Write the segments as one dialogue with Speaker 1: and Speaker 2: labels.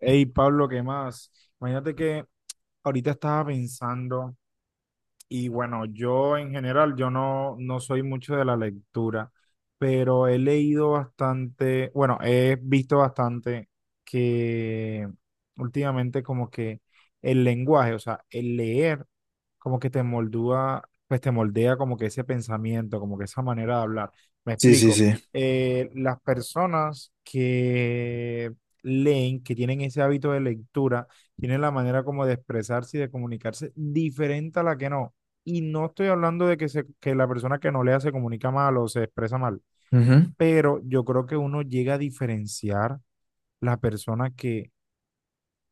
Speaker 1: Hey, Pablo, ¿qué más? Imagínate que ahorita estaba pensando, y bueno, yo en general, yo no soy mucho de la lectura, pero he leído bastante, bueno, he visto bastante que últimamente como que el lenguaje, o sea, el leer como que te moldúa, pues te moldea como que ese pensamiento, como que esa manera de hablar. Me
Speaker 2: Sí, sí,
Speaker 1: explico.
Speaker 2: sí.
Speaker 1: Las personas que leen, que tienen ese hábito de lectura, tienen la manera como de expresarse y de comunicarse diferente a la que no. Y no estoy hablando de que, se, que la persona que no lea se comunica mal o se expresa mal,
Speaker 2: Ujú.
Speaker 1: pero yo creo que uno llega a diferenciar la persona que,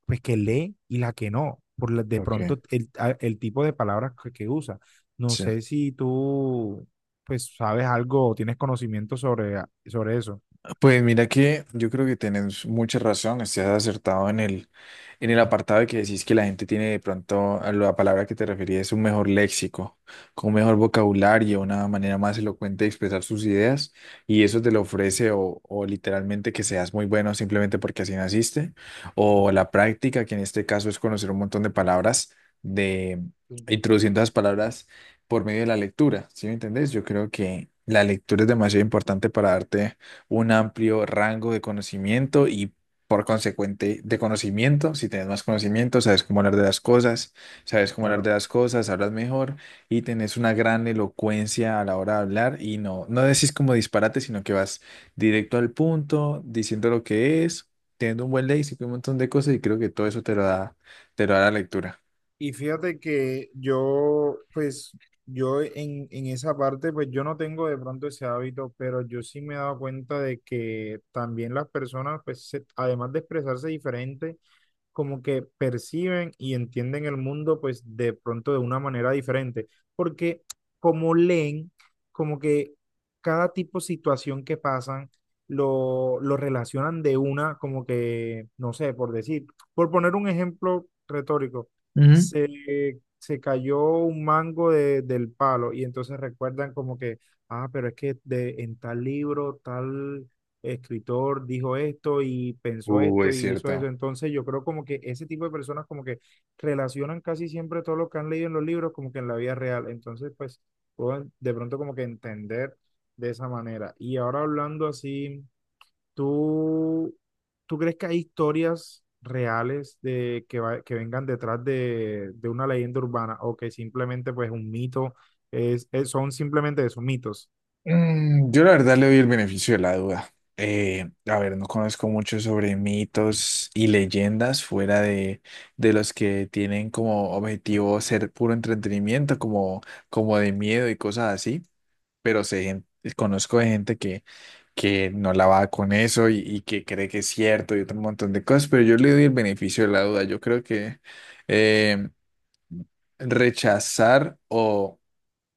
Speaker 1: pues, que lee y la que no, por de
Speaker 2: Ok,
Speaker 1: pronto el, el tipo de palabras que usa. No
Speaker 2: sí.
Speaker 1: sé si tú, pues, sabes algo o tienes conocimiento sobre, sobre eso.
Speaker 2: Pues mira que yo creo que tienes mucha razón, estás acertado en el apartado de que decís que la gente tiene de pronto a la palabra que te referías un mejor léxico, con un mejor vocabulario, una manera más elocuente de expresar sus ideas y eso te lo ofrece o literalmente que seas muy bueno simplemente porque así naciste o la práctica que en este caso es conocer un montón de palabras de introduciendo las palabras por medio de la lectura, ¿sí me entendés? Yo creo que la lectura es demasiado importante para darte un amplio rango de conocimiento y por consecuente de conocimiento. Si tienes más conocimiento, sabes cómo hablar de las cosas, sabes cómo hablar de
Speaker 1: Claro.
Speaker 2: las cosas, hablas mejor y tenés una gran elocuencia a la hora de hablar y no, no decís como disparate, sino que vas directo al punto, diciendo lo que es, teniendo un buen léxico y un montón de cosas y creo que todo eso te lo da la lectura.
Speaker 1: Y fíjate que yo, pues, yo en esa parte, pues yo no tengo de pronto ese hábito, pero yo sí me he dado cuenta de que también las personas, pues, además de expresarse diferente, como que perciben y entienden el mundo pues de pronto de una manera diferente, porque como leen, como que cada tipo de situación que pasan lo relacionan de una, como que, no sé, por decir, por poner un ejemplo retórico,
Speaker 2: Ujú.
Speaker 1: se cayó un mango del palo y entonces recuerdan como que, ah, pero es que de, en tal libro, tal escritor dijo esto y pensó
Speaker 2: Uh,
Speaker 1: esto
Speaker 2: es
Speaker 1: y hizo eso.
Speaker 2: cierto.
Speaker 1: Entonces yo creo como que ese tipo de personas como que relacionan casi siempre todo lo que han leído en los libros como que en la vida real. Entonces pues puedo de pronto como que entender de esa manera. Y ahora hablando así, ¿tú, tú crees que hay historias reales de que, que vengan detrás de una leyenda urbana o que simplemente pues un mito es, son simplemente esos mitos?
Speaker 2: Yo la verdad le doy el beneficio de la duda. A ver, no conozco mucho sobre mitos y leyendas fuera de los que tienen como objetivo ser puro entretenimiento, como de miedo y cosas así, pero conozco de gente que no la va con eso y que cree que es cierto y otro montón de cosas, pero yo le doy el beneficio de la duda. Yo creo que eh, rechazar o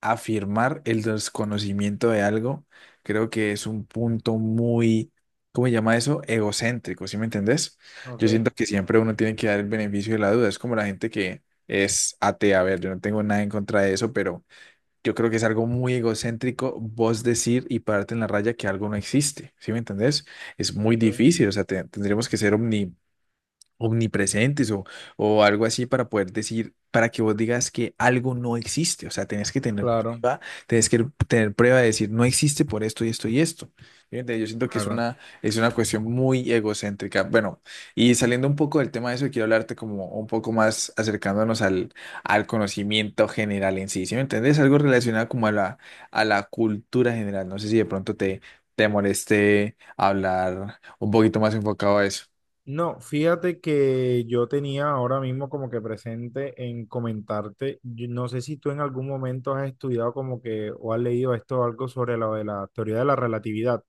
Speaker 2: afirmar el desconocimiento de algo, creo que es un punto muy, ¿cómo se llama eso? Egocéntrico, ¿sí me entendés?
Speaker 1: Ok,
Speaker 2: Yo siento que siempre uno tiene que dar el beneficio de la duda. Es como la gente que es atea. A ver, yo no tengo nada en contra de eso, pero yo creo que es algo muy egocéntrico vos decir y pararte en la raya que algo no existe, ¿sí me entendés? Es muy
Speaker 1: ok.
Speaker 2: difícil, o sea, tendríamos que ser omnipresentes o algo así para poder decir, para que vos digas que algo no existe. O sea, tenés que tener
Speaker 1: Claro,
Speaker 2: prueba, tenés que tener prueba de decir, no existe por esto y esto y esto. Fíjate, yo siento que es
Speaker 1: claro.
Speaker 2: una, es una cuestión muy egocéntrica. Bueno, y saliendo un poco del tema de eso, quiero hablarte como un poco más acercándonos al conocimiento general en sí. ¿Sí me entendés? Algo relacionado como a la, cultura general. No sé si de pronto te moleste hablar un poquito más enfocado a eso.
Speaker 1: No, fíjate que yo tenía ahora mismo como que presente en comentarte, yo no sé si tú en algún momento has estudiado como que o has leído esto algo sobre lo de la teoría de la relatividad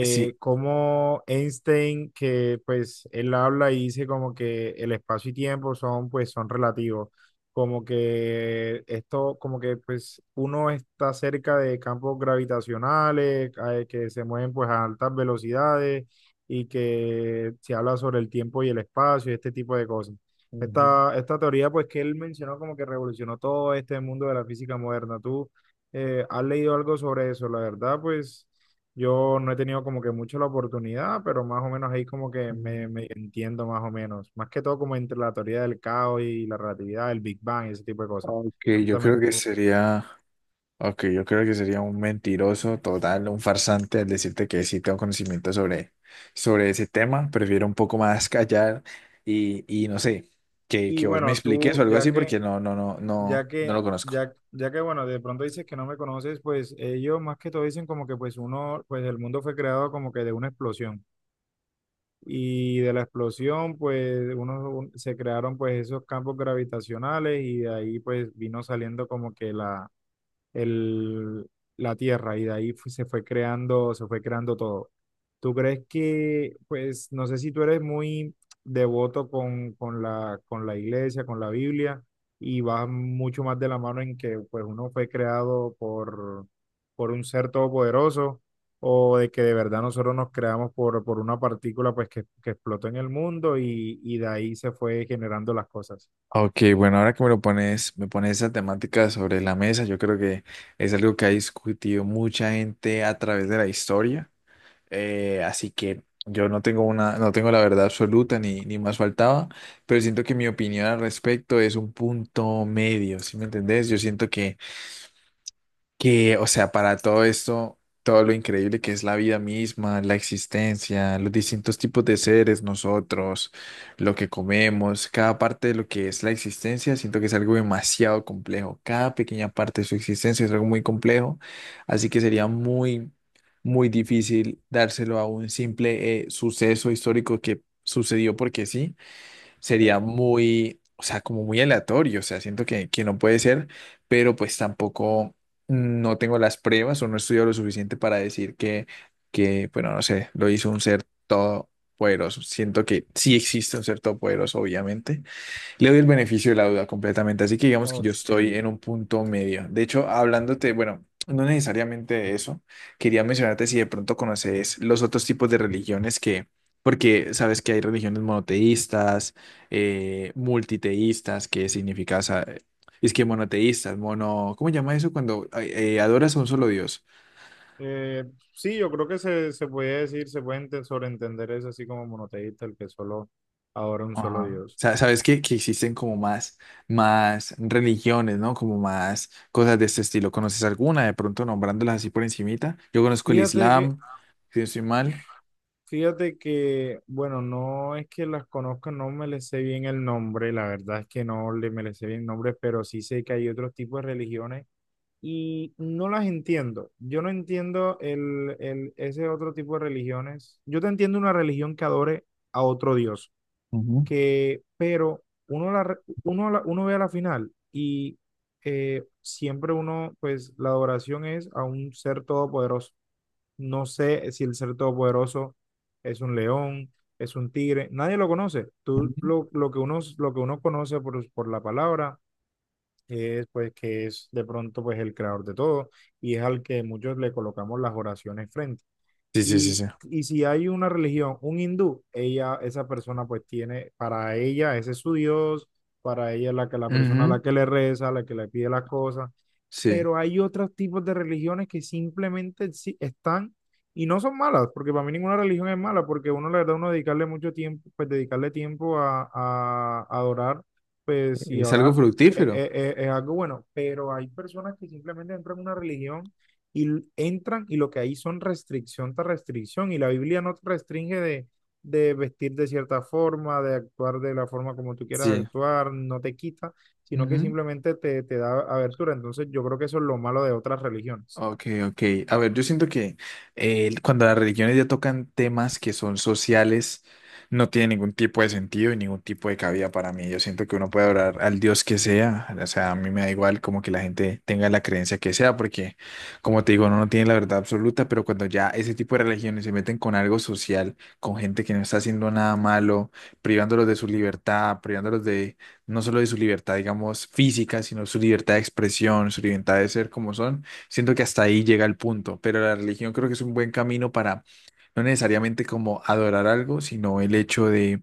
Speaker 2: Sí.
Speaker 1: como Einstein, que pues él habla y dice como que el espacio y tiempo son pues son relativos, como que esto, como que pues uno está cerca de campos gravitacionales que se mueven pues a altas velocidades y que se habla sobre el tiempo y el espacio y este tipo de cosas. Esta teoría pues que él mencionó como que revolucionó todo este mundo de la física moderna. ¿Tú has leído algo sobre eso? La verdad pues... Yo no he tenido como que mucho la oportunidad, pero más o menos ahí como que
Speaker 2: Mm.
Speaker 1: me entiendo más o menos. Más que todo como entre la teoría del caos y la relatividad, el Big Bang y ese tipo de cosas.
Speaker 2: Ok, yo
Speaker 1: Cuéntame
Speaker 2: creo que
Speaker 1: tú.
Speaker 2: sería, ok, yo creo que sería un mentiroso total, un farsante al decirte que sí tengo conocimiento sobre ese tema. Prefiero un poco más callar y no sé, que,
Speaker 1: Y
Speaker 2: que vos me
Speaker 1: bueno,
Speaker 2: expliques o
Speaker 1: tú,
Speaker 2: algo así
Speaker 1: ya que,
Speaker 2: porque no, no, no, no,
Speaker 1: ya
Speaker 2: no
Speaker 1: que,
Speaker 2: lo conozco.
Speaker 1: ya, ya que bueno, de pronto dices que no me conoces, pues ellos más que todo dicen como que pues uno, pues el mundo fue creado como que de una explosión. Y de la explosión, pues uno se crearon pues esos campos gravitacionales y de ahí pues vino saliendo como que el, la tierra y de ahí se fue creando todo. ¿Tú crees que, pues, no sé si tú eres muy devoto con la iglesia, con la Biblia, y vas mucho más de la mano en que, pues, uno fue creado por un ser todopoderoso, o de que de verdad nosotros nos creamos por una partícula, pues, que explotó en el mundo y de ahí se fue generando las cosas?
Speaker 2: Ok, bueno, ahora que me lo pones, me pones esa temática sobre la mesa, yo creo que es algo que ha discutido mucha gente a través de la historia. Así que yo no tengo no tengo la verdad absoluta ni más faltaba, pero siento que mi opinión al respecto es un punto medio, ¿sí me entendés? Yo siento que, o sea, para todo esto, todo lo increíble que es la vida misma, la existencia, los distintos tipos de seres, nosotros, lo que comemos, cada parte de lo que es la existencia, siento que es algo demasiado complejo. Cada pequeña parte de su existencia es algo muy complejo, así que sería muy, muy difícil dárselo a un simple suceso histórico que sucedió porque sí sería
Speaker 1: Ok.
Speaker 2: muy, o sea, como muy aleatorio, o sea, siento que no puede ser, pero pues tampoco no tengo las pruebas o no estudio lo suficiente para decir que, bueno, no sé, lo hizo un ser todopoderoso. Siento que sí existe un ser todopoderoso, obviamente, le doy el beneficio de la duda completamente, así que digamos que yo
Speaker 1: Ok.
Speaker 2: estoy en un punto medio. De hecho, hablándote, bueno, no necesariamente de eso, quería mencionarte si de pronto conoces los otros tipos de religiones que, porque sabes que hay religiones monoteístas, multiteístas, que significa, o sea, es que monoteístas, mono, ¿cómo se llama eso cuando adoras a un solo Dios?
Speaker 1: Eh, sí, yo creo que se puede decir, se puede sobreentender eso así como monoteísta, el que solo adora un solo
Speaker 2: Ajá.
Speaker 1: Dios.
Speaker 2: Sabes que existen como más, religiones, ¿no? Como más cosas de este estilo. ¿Conoces alguna? De pronto nombrándolas así por encimita. Yo conozco el
Speaker 1: Fíjate que,
Speaker 2: Islam, si no estoy mal.
Speaker 1: fíjate que, bueno, no es que las conozca, no me les sé bien el nombre, la verdad es que no le me les sé bien el nombre, pero sí sé que hay otros tipos de religiones y no las entiendo. Yo no entiendo el, ese otro tipo de religiones. Yo te entiendo una religión que adore a otro Dios.
Speaker 2: Ujú,
Speaker 1: Que, pero uno, la, uno, uno ve a la final y siempre uno, pues la adoración es a un ser todopoderoso. No sé si el ser todopoderoso es un león, es un tigre, nadie lo conoce. Tú
Speaker 2: ujú.
Speaker 1: lo que uno conoce por la palabra es pues que es de pronto pues el creador de todo y es al que muchos le colocamos las oraciones frente.
Speaker 2: Sí, sí, sí, sí.
Speaker 1: Y, y si hay una religión, un hindú, ella, esa persona pues tiene, para ella ese es su Dios, para ella es la que la persona a
Speaker 2: Ujú.
Speaker 1: la que le reza, la que le pide las cosas
Speaker 2: Sí,
Speaker 1: pero hay otros tipos de religiones que simplemente están y no son malas, porque para mí ninguna religión es mala, porque uno, la verdad, uno dedicarle mucho tiempo, pues dedicarle tiempo a, a adorar, pues y a
Speaker 2: es algo
Speaker 1: orar
Speaker 2: fructífero.
Speaker 1: es algo bueno, pero hay personas que simplemente entran en una religión y entran y lo que hay son restricción tras restricción, y la Biblia no te restringe de vestir de cierta forma, de actuar de la forma como tú quieras
Speaker 2: Sí.
Speaker 1: actuar, no te quita sino que simplemente te da abertura. Entonces yo creo que eso es lo malo de otras religiones.
Speaker 2: Ok, ok. A ver, yo siento que cuando las religiones ya tocan temas que son sociales, no tiene ningún tipo de sentido y ningún tipo de cabida para mí. Yo siento que uno puede orar al Dios que sea. O sea, a mí me da igual como que la gente tenga la creencia que sea, porque como te digo, uno no tiene la verdad absoluta, pero cuando ya ese tipo de religiones se meten con algo social, con gente que no está haciendo nada malo, privándolos de su libertad, privándolos de no solo de su libertad, digamos, física, sino su libertad de expresión, su libertad de ser como son. Siento que hasta ahí llega el punto, pero la religión creo que es un buen camino para no necesariamente como adorar algo, sino el hecho de,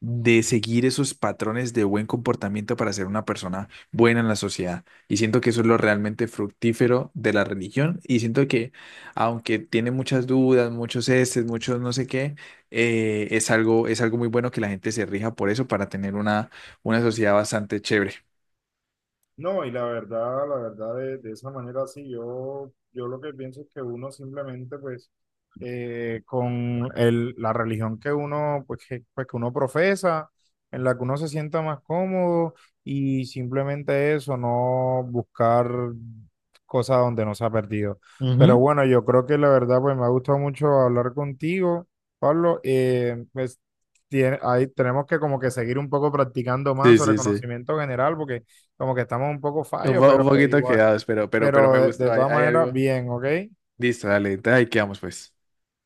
Speaker 2: de seguir esos patrones de buen comportamiento para ser una persona buena en la sociedad. Y siento que eso es lo realmente fructífero de la religión. Y siento que aunque tiene muchas dudas, muchos estes, muchos no sé qué, es algo, muy bueno que la gente se rija por eso para tener una sociedad bastante chévere.
Speaker 1: No, y la verdad, de esa manera sí, yo lo que pienso es que uno simplemente, pues, con el, la religión que uno, pues, que uno profesa, en la que uno se sienta más cómodo, y simplemente eso, no buscar cosas donde no se ha perdido. Pero
Speaker 2: Ujú.
Speaker 1: bueno, yo creo que la verdad, pues, me ha gustado mucho hablar contigo, Pablo, pues, ahí tenemos que como que seguir un poco practicando más
Speaker 2: Sí,
Speaker 1: sobre
Speaker 2: sí, sí.
Speaker 1: conocimiento general, porque como que estamos un poco
Speaker 2: Un,
Speaker 1: fallos,
Speaker 2: po-
Speaker 1: pero
Speaker 2: un
Speaker 1: de
Speaker 2: poquito
Speaker 1: igual,
Speaker 2: quedados, pero me
Speaker 1: pero
Speaker 2: gustó.
Speaker 1: de
Speaker 2: Hay,
Speaker 1: todas
Speaker 2: hay
Speaker 1: maneras,
Speaker 2: algo.
Speaker 1: bien, ¿ok?
Speaker 2: Listo, dale. Ahí quedamos, pues.